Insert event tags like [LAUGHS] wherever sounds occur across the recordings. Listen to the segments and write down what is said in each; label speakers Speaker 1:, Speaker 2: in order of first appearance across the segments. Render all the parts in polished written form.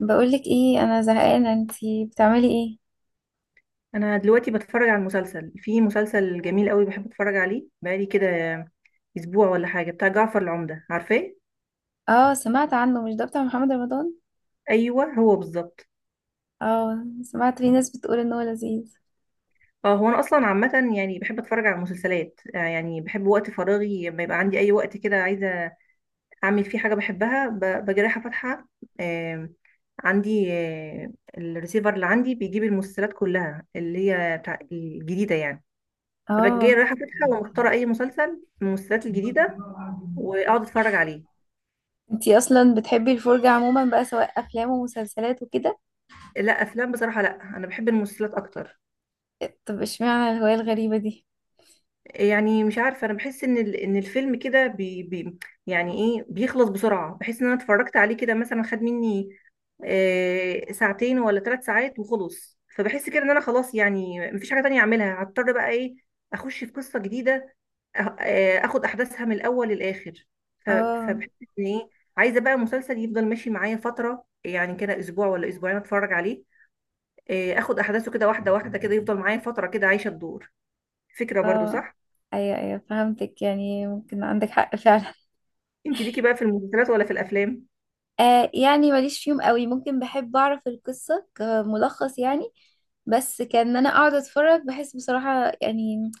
Speaker 1: بقولك ايه، انا زهقانه، انتي بتعملي ايه؟
Speaker 2: انا دلوقتي بتفرج على المسلسل، في مسلسل جميل قوي بحب اتفرج عليه، بقالي كده اسبوع ولا حاجه، بتاع جعفر العمده، عارفاه؟
Speaker 1: اه، سمعت عنه. مش ده بتاع محمد رمضان؟
Speaker 2: ايوه، هو بالظبط.
Speaker 1: اه، سمعت في ناس بتقول ان هو لذيذ.
Speaker 2: اه، هو انا اصلا عامه يعني بحب اتفرج على المسلسلات، يعني بحب وقت فراغي، لما يبقى عندي اي وقت كده عايزه اعمل فيه حاجه بحبها، بجي رايحه فاتحه. آم، عندي الريسيفر اللي عندي بيجيب المسلسلات كلها اللي هي بتاع الجديده يعني. فبجي
Speaker 1: اه.
Speaker 2: رايحه فاتحه، ومختاره اي مسلسل من المسلسلات الجديده، واقعد اتفرج عليه.
Speaker 1: انتي اصلا بتحبي الفرجه عموما بقى، سواء افلام ومسلسلات وكده؟
Speaker 2: لا، افلام بصراحه لا، انا بحب المسلسلات اكتر.
Speaker 1: طب اشمعنى الهوايه الغريبه دي؟
Speaker 2: يعني مش عارفه، انا بحس ان ان الفيلم كده بي بي يعني ايه، بيخلص بسرعه، بحس ان انا اتفرجت عليه كده، مثلا خد مني ساعتين ولا 3 ساعات وخلص، فبحس كده ان انا خلاص، يعني مفيش حاجه تانية اعملها، هضطر بقى ايه، اخش في قصه جديده، اخد احداثها من الاول للاخر، ف-
Speaker 1: اه،
Speaker 2: فبحس ان ايه، عايزه بقى مسلسل يفضل ماشي معايا فتره، يعني كده اسبوع ولا اسبوعين اتفرج عليه، اخد احداثه كده واحده واحده، كده يفضل معايا فتره، كده عايشه الدور، فكره برضو
Speaker 1: اه.
Speaker 2: صح.
Speaker 1: ايوه ايوه، فهمتك، يعني ممكن عندك حق فعلا.
Speaker 2: انت ليكي بقى في المسلسلات ولا في الافلام؟
Speaker 1: آه، يعني ماليش فيهم قوي، ممكن بحب اعرف القصه كملخص يعني، بس كان إن انا اقعد اتفرج بحس بصراحة، يعني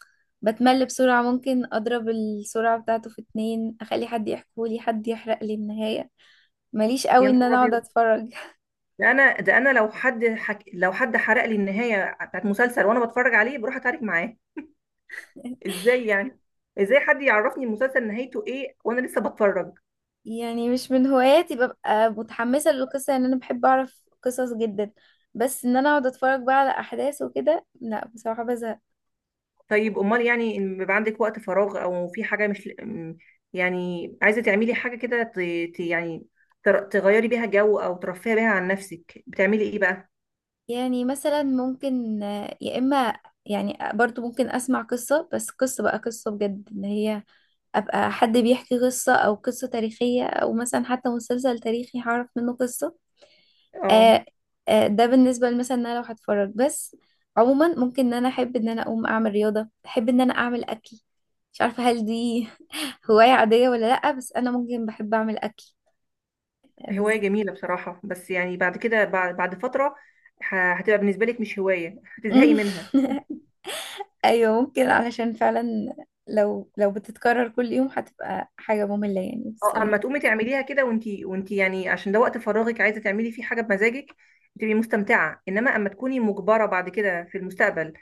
Speaker 1: بتمل بسرعة. ممكن اضرب السرعة بتاعته في 2، اخلي حد يحكولي، حد يحرق لي النهاية. ماليش
Speaker 2: يا
Speaker 1: قوي ان
Speaker 2: نهار
Speaker 1: انا اقعد
Speaker 2: ابيض!
Speaker 1: اتفرج.
Speaker 2: ده انا، ده انا لو حد لو حد حرق لي النهايه بتاعت مسلسل وانا بتفرج عليه بروح اتعارك معاه.
Speaker 1: [LAUGHS]
Speaker 2: ازاي يعني؟ ازاي حد يعرفني المسلسل نهايته ايه وانا لسه بتفرج؟
Speaker 1: يعني مش من هواياتي ببقى متحمسة للقصة، يعني أنا بحب أعرف قصص جدا، بس إن أنا أقعد أتفرج بقى على أحداث وكده، لا بصراحة بزهق.
Speaker 2: طيب امال، يعني إن بيبقى عندك وقت فراغ او في حاجه مش م- يعني عايزه تعملي حاجه كده، يعني تغيري بيها جو، او ترفهي بيها عن نفسك، بتعملي ايه بقى؟
Speaker 1: يعني مثلا ممكن، يا إما، يعني برضو ممكن أسمع قصة، بس قصة بقى، قصة بجد إن هي ابقى حد بيحكي قصة، او قصة تاريخية، او مثلا حتى مسلسل تاريخي هعرف منه قصة.
Speaker 2: اه.
Speaker 1: آه. ده بالنسبة مثلا ان انا لو هتفرج بس. عموما ممكن ان انا احب ان انا اقوم اعمل رياضة، احب ان انا اعمل اكل. مش عارفة هل دي [LAUGHS] هواية عادية ولا لأ، بس انا ممكن بحب اعمل اكل.
Speaker 2: هواية
Speaker 1: بز...
Speaker 2: جميلة بصراحة، بس يعني بعد كده، بعد فترة هتبقى بالنسبة لك مش هواية، هتزهقي منها.
Speaker 1: [LAUGHS] ايوه ممكن، علشان فعلا لو بتتكرر كل يوم هتبقى حاجة مملة يعني، بس.
Speaker 2: اه، اما تقومي تعمليها كده وانتي يعني عشان ده وقت فراغك، عايزة تعملي فيه حاجة بمزاجك، تبقي مستمتعة. انما اما تكوني مجبرة بعد كده في المستقبل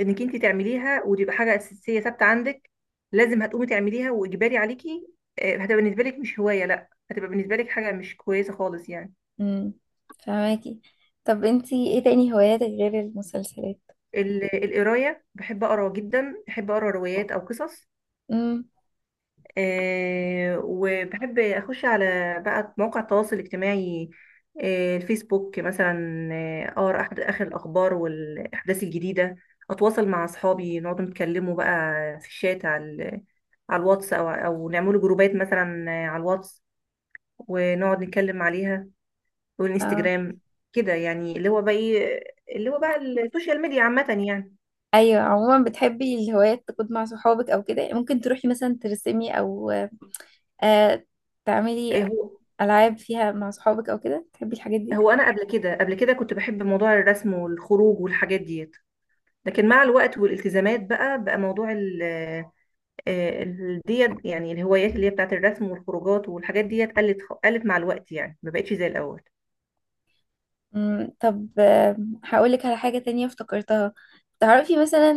Speaker 2: انك انتي تعمليها، وتبقى حاجة أساسية ثابتة عندك، لازم هتقومي تعمليها واجباري عليكي، هتبقى بالنسبة لك مش هواية، لا هتبقى بالنسبة لك حاجة مش كويسة خالص يعني.
Speaker 1: امم فهماكي. طب انتي ايه تاني هواياتك غير المسلسلات؟
Speaker 2: القراية، بحب أقرأ جدا، بحب أقرأ روايات أو قصص.
Speaker 1: امم
Speaker 2: وبحب اخش على بقى مواقع التواصل الاجتماعي، الفيسبوك مثلا، اقرا اخر الاخبار والاحداث الجديده، اتواصل مع اصحابي، نقعد نتكلموا بقى في الشات، على الواتس، او نعملوا جروبات مثلا على الواتس، ونقعد نتكلم عليها،
Speaker 1: اه.
Speaker 2: والانستجرام. كده يعني، اللي هو بقى ايه، اللي هو بقى السوشيال ميديا عامه يعني.
Speaker 1: ايوه، عموما بتحبي الهوايات تكون مع صحابك او كده؟ ممكن تروحي مثلا ترسمي او آه تعملي
Speaker 2: هو
Speaker 1: العاب فيها مع صحابك او كده، تحبي الحاجات دي؟
Speaker 2: انا قبل كده، قبل كده كنت بحب موضوع الرسم والخروج والحاجات ديت. لكن مع الوقت والالتزامات، بقى موضوع ال ديت يعني الهوايات اللي هي بتاعت الرسم والخروجات والحاجات ديت، قلت مع الوقت، يعني ما بقتش زي الأول.
Speaker 1: طب، هقولك على حاجة تانية افتكرتها. تعرفي مثلا،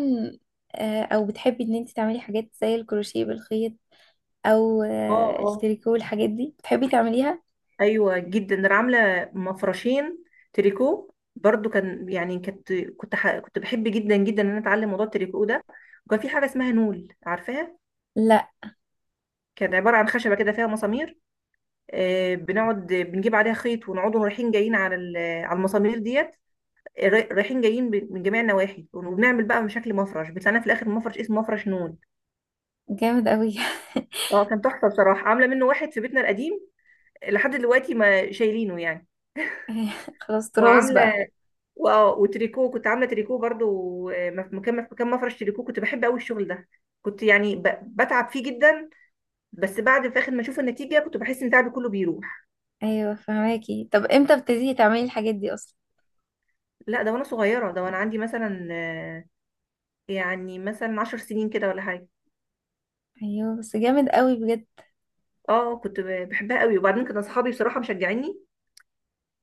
Speaker 1: او بتحبي ان انتي تعملي حاجات زي الكروشيه بالخيط، او
Speaker 2: اه، اه،
Speaker 1: التريكو والحاجات دي بتحبي تعمليها؟
Speaker 2: ايوه جدا، انا عامله مفرشين تريكو برضو، كان يعني كنت بحب جدا جدا ان انا اتعلم موضوع التريكو ده، وكان في حاجه اسمها نول، عارفاها؟
Speaker 1: لا،
Speaker 2: كانت عباره عن خشبه كده فيها مسامير، بنقعد بنجيب عليها خيط، ونقعد رايحين جايين على المسامير ديت، رايحين جايين من جميع النواحي، وبنعمل بقى بشكل مفرش، بتلاقينا في الاخر مفرش اسمه مفرش نون.
Speaker 1: جامد قوي.
Speaker 2: اه، كان تحفه بصراحه، عامله منه واحد في بيتنا القديم، لحد دلوقتي ما شايلينه يعني.
Speaker 1: [LAUGHS] خلاص، تراث بقى.
Speaker 2: وعامله وتريكو، كنت عامله تريكو برضو، مكان مفرش تريكو، كنت بحب قوي الشغل ده، كنت يعني بتعب فيه جدا، بس بعد في اخر ما اشوف النتيجه كنت بحس ان تعبي كله بيروح.
Speaker 1: ايوه، فهماكي. طب امتى بتبتدي تعملي الحاجات دي اصلا؟
Speaker 2: لا، ده وانا صغيره، ده وانا عندي مثلا يعني مثلا 10 سنين كده ولا حاجه.
Speaker 1: ايوه، بس جامد قوي بجد.
Speaker 2: اه، كنت بحبها قوي، وبعدين كان اصحابي بصراحه مشجعيني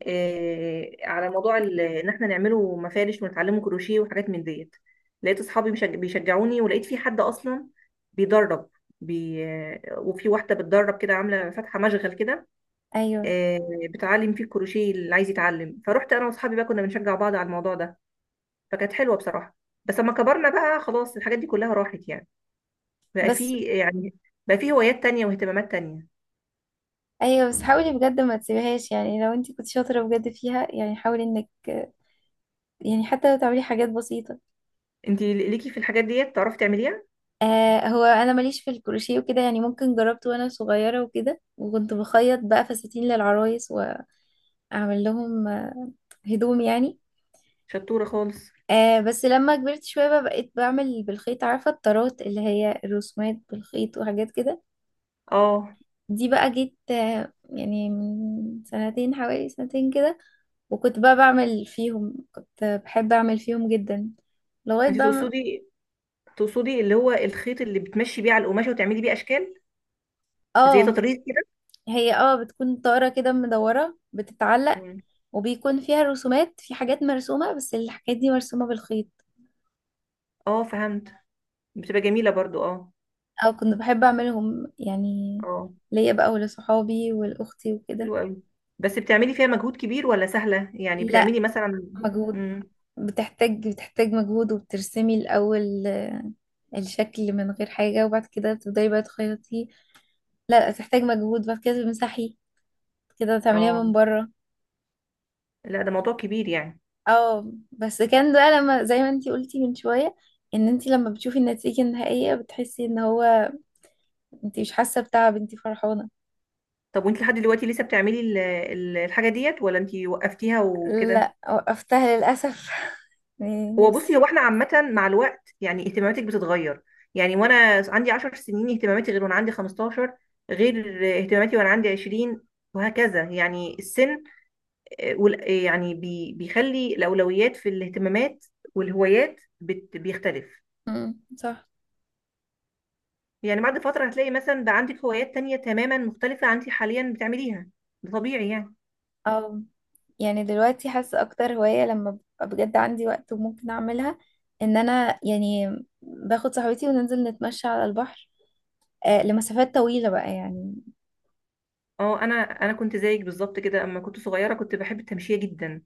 Speaker 2: على موضوع ان احنا نعمله مفارش ونتعلمه كروشيه وحاجات من ديت، لقيت اصحابي بيشجعوني، ولقيت في حد اصلا بيدرب، بي... آه، وفي واحده بتدرب كده عامله فاتحه مشغل كده،
Speaker 1: ايوه
Speaker 2: آه، بتعلم فيه الكروشيه اللي عايز يتعلم، فروحت انا واصحابي بقى كنا بنشجع بعض على الموضوع ده، فكانت حلوه بصراحه. بس لما كبرنا بقى، خلاص الحاجات دي كلها راحت يعني، بقى
Speaker 1: بس
Speaker 2: في يعني بقى في هوايات تانية واهتمامات تانية.
Speaker 1: ايوه بس حاولي بجد ما تسيبهاش يعني، لو انت كنت شاطره بجد فيها يعني، حاولي انك يعني حتى لو تعملي حاجات بسيطه.
Speaker 2: انتي ليكي في الحاجات ديت تعرفي تعمليها؟
Speaker 1: هو انا ماليش في الكروشيه وكده، يعني ممكن جربت وانا صغيره وكده، وكنت بخيط بقى فساتين للعرايس، واعمل لهم هدوم يعني.
Speaker 2: شطوره خالص!
Speaker 1: بس لما كبرت شويه بقى، بقيت بعمل بالخيط، عارفه الطرات اللي هي الرسومات بالخيط وحاجات كده.
Speaker 2: اه،
Speaker 1: دي بقى جيت يعني من سنتين، حوالي سنتين كده. وكنت بقى بعمل فيهم، كنت بحب اعمل فيهم جدا لغاية
Speaker 2: انتي
Speaker 1: بقى
Speaker 2: تقصدي تقصدي اللي هو الخيط اللي بتمشي بيه على القماشة وتعملي بيه أشكال، زي
Speaker 1: اه.
Speaker 2: تطريز كده؟
Speaker 1: هي بتكون طارة كده مدورة بتتعلق،
Speaker 2: مم.
Speaker 1: وبيكون فيها رسومات، في حاجات مرسومة بس الحاجات دي مرسومة بالخيط.
Speaker 2: اه، فهمت، بتبقى جميلة برضو، اه.
Speaker 1: او كنت بحب اعملهم يعني
Speaker 2: اه،
Speaker 1: ليا بقى ولصحابي ولأختي وكده.
Speaker 2: حلوة أوي. بس بتعملي فيها مجهود كبير ولا سهلة؟ يعني
Speaker 1: لا،
Speaker 2: بتعملي مثلا...
Speaker 1: مجهود،
Speaker 2: مم.
Speaker 1: بتحتاج مجهود، وبترسمي الأول الشكل من غير حاجة، وبعد كده تبدأي بقى تخيطي، لا تحتاج مجهود، بعد كده تمسحي، بعد كده تعمليها
Speaker 2: اه،
Speaker 1: من بره.
Speaker 2: لا ده موضوع كبير يعني.
Speaker 1: اه، بس كان ده لما زي ما انتي قلتي من شوية، ان انتي لما بتشوفي النتيجة النهائية بتحسي ان هو انتي مش حاسة بتعب، انتي فرحانة.
Speaker 2: طب، وانت لحد دلوقتي لسه بتعملي الحاجة ديت ولا انت وقفتيها وكده؟
Speaker 1: لا، وقفتها للأسف. [LAUGHS]
Speaker 2: هو بصي،
Speaker 1: نفسي.
Speaker 2: هو احنا عامة مع الوقت يعني اهتماماتك بتتغير. يعني وانا عندي 10 سنين اهتماماتي غير، وانا عندي 15 غير اهتماماتي، وانا عندي 20، وهكذا يعني، السن يعني بيخلي الأولويات في الاهتمامات والهوايات بيختلف.
Speaker 1: مم، صح.
Speaker 2: يعني بعد فترة هتلاقي مثلا بقى عندك هوايات تانية تماما مختلفة عن انت حاليا بتعمليها، ده طبيعي يعني.
Speaker 1: اه، يعني دلوقتي حاسة اكتر هواية لما ببقى بجد عندي وقت وممكن اعملها، ان انا يعني باخد صاحبتي وننزل نتمشى على البحر لمسافات طويلة بقى يعني.
Speaker 2: اه، انا كنت زيك بالظبط كده، اما كنت صغيره كنت بحب التمشيه جدا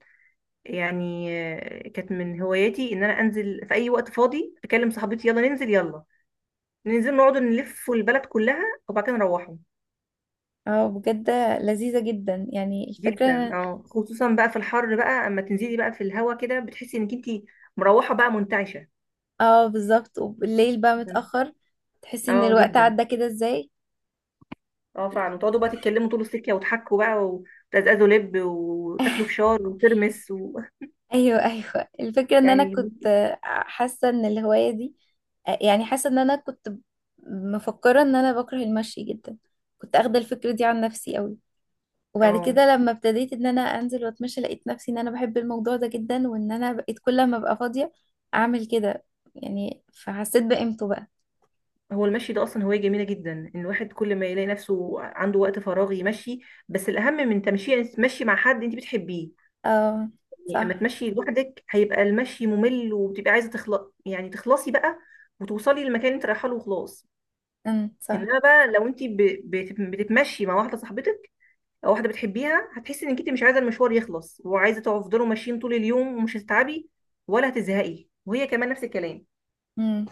Speaker 2: يعني، كانت من هواياتي ان انا انزل في اي وقت فاضي، اكلم صاحبتي يلا ننزل، يلا ننزل نقعد نلف البلد كلها، وبعد كده نروحوا.
Speaker 1: اه بجد، لذيذة جدا يعني
Speaker 2: جدا
Speaker 1: الفكرة.
Speaker 2: اه، خصوصا بقى في الحر بقى، اما تنزلي بقى في الهوا كده بتحسي انك انتي مروحه بقى منتعشه.
Speaker 1: اه، بالظبط. وبالليل بقى متأخر تحسي ان
Speaker 2: اه
Speaker 1: الوقت
Speaker 2: جدا،
Speaker 1: عدى كده ازاي.
Speaker 2: اه فعلا، وتقعدوا بقى تتكلموا طول السكه، وتحكوا بقى، وتزقزقوا لب، وتاكلوا
Speaker 1: [LAUGHS]
Speaker 2: فشار وترمس و...
Speaker 1: ايوه ايوه، الفكره
Speaker 2: [LAUGHS]
Speaker 1: ان انا
Speaker 2: يعني.
Speaker 1: كنت حاسه ان الهوايه دي، يعني حاسه ان انا كنت مفكره ان انا بكره المشي جدا. كنت اخده الفكره دي عن نفسي قوي. وبعد
Speaker 2: اه،
Speaker 1: كده لما ابتديت ان انا انزل واتمشى، لقيت نفسي ان انا بحب الموضوع ده جدا، وان انا بقيت كل ما ابقى فاضيه اعمل كده، يعني فحسيت بقيمته بقى.
Speaker 2: هو المشي ده اصلا هوايه جميله جدا، ان الواحد كل ما يلاقي نفسه عنده وقت فراغ يمشي. بس الاهم من تمشي، يعني تمشي مع حد انت بتحبيه.
Speaker 1: اه
Speaker 2: يعني اما
Speaker 1: صح.
Speaker 2: تمشي لوحدك، هيبقى المشي ممل وبتبقى عايزه تخلق يعني، تخلصي بقى وتوصلي للمكان اللي انت رايحه له وخلاص.
Speaker 1: صح.
Speaker 2: انما بقى لو انت بتتمشي مع واحده صاحبتك، او واحده بتحبيها، هتحسي انك انت مش عايزه المشوار يخلص، وعايزه تفضلوا ماشيين طول اليوم، ومش هتتعبي ولا هتزهقي، وهي كمان نفس الكلام.
Speaker 1: امم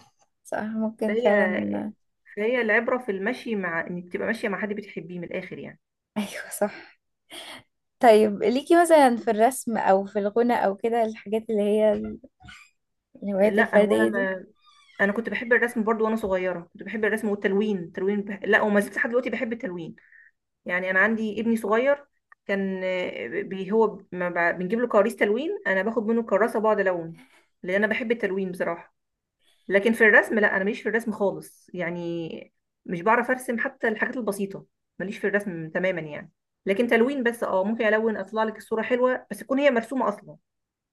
Speaker 1: صح ممكن
Speaker 2: فهي
Speaker 1: فعلا. [LAUGHS]
Speaker 2: فهي العبره في المشي، مع انك تبقى ماشيه مع حد بتحبيه من الاخر يعني.
Speaker 1: ايوه صح. طيب ليكي مثلا في الرسم او في الغنى او كده الحاجات اللي هي الهوايات
Speaker 2: لا، هو انا
Speaker 1: الفردية دي؟
Speaker 2: ما... انا كنت بحب الرسم برضو وانا صغيره، كنت بحب الرسم والتلوين، لا، وما زلت لحد دلوقتي بحب التلوين. يعني انا عندي ابني صغير، كان آه، بي هو ما ب- بنجيب له كراريس تلوين، انا باخد منه كراسه بقعد الون، لان انا بحب التلوين بصراحه. لكن في الرسم لا، انا ماليش في الرسم خالص يعني، مش بعرف ارسم حتى الحاجات البسيطه، ماليش في الرسم تماما يعني. لكن تلوين بس اه، ممكن الون اطلع لك الصوره حلوه، بس تكون هي مرسومه اصلا.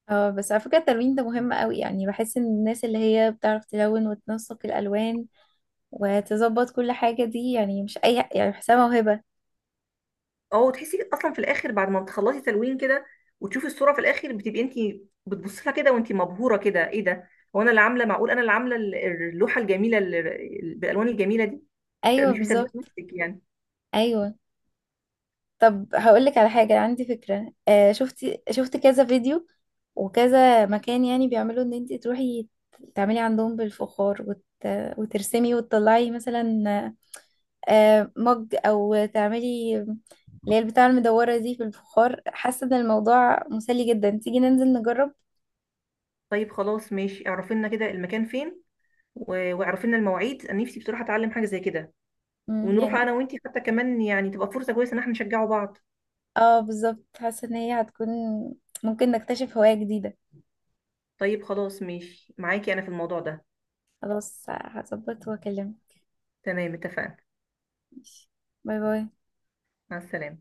Speaker 1: اه، بس على فكرة التلوين ده مهم قوي، يعني بحس ان الناس اللي هي بتعرف تلون وتنسق الالوان وتظبط كل حاجة دي، يعني مش اي يعني، بحسها موهبة.
Speaker 2: اه، وتحسي اصلا في الاخر بعد ما بتخلصي تلوين كده، وتشوفي الصوره في الاخر، بتبقي انت بتبصي لها كده، وانت مبهوره كده، ايه ده، هو انا اللي عامله، معقول انا اللي عامله اللوحه الجميله بالالوان الجميله دي؟ بتبقى
Speaker 1: ايوه
Speaker 2: مش مصدقه
Speaker 1: بالظبط.
Speaker 2: نفسك يعني.
Speaker 1: ايوه، طب هقولك على حاجة، عندي فكرة. شفت كذا فيديو وكذا مكان يعني بيعملوا ان انت تروحي تعملي عندهم بالفخار وترسمي وتطلعي مثلا مج، او تعملي اللي هي البتاعة المدورة دي في الفخار. حاسة ان الموضوع مسلي جدا، تيجي ننزل نجرب؟
Speaker 2: طيب خلاص ماشي، اعرفي لنا كده المكان فين، واعرفي لنا المواعيد، انا نفسي بصراحه اتعلم حاجه زي كده،
Speaker 1: مم،
Speaker 2: ونروح
Speaker 1: يعني
Speaker 2: انا وانت حتى كمان، يعني تبقى فرصه كويسه ان احنا نشجعوا بعض.
Speaker 1: اه بالظبط. حاسة ان هي هتكون ممكن نكتشف هواية جديدة.
Speaker 2: طيب خلاص ماشي معاكي انا في الموضوع ده.
Speaker 1: خلاص، هظبط واكلمك.
Speaker 2: تمام، اتفقنا.
Speaker 1: ماشي. باي باي.
Speaker 2: مع السلامه.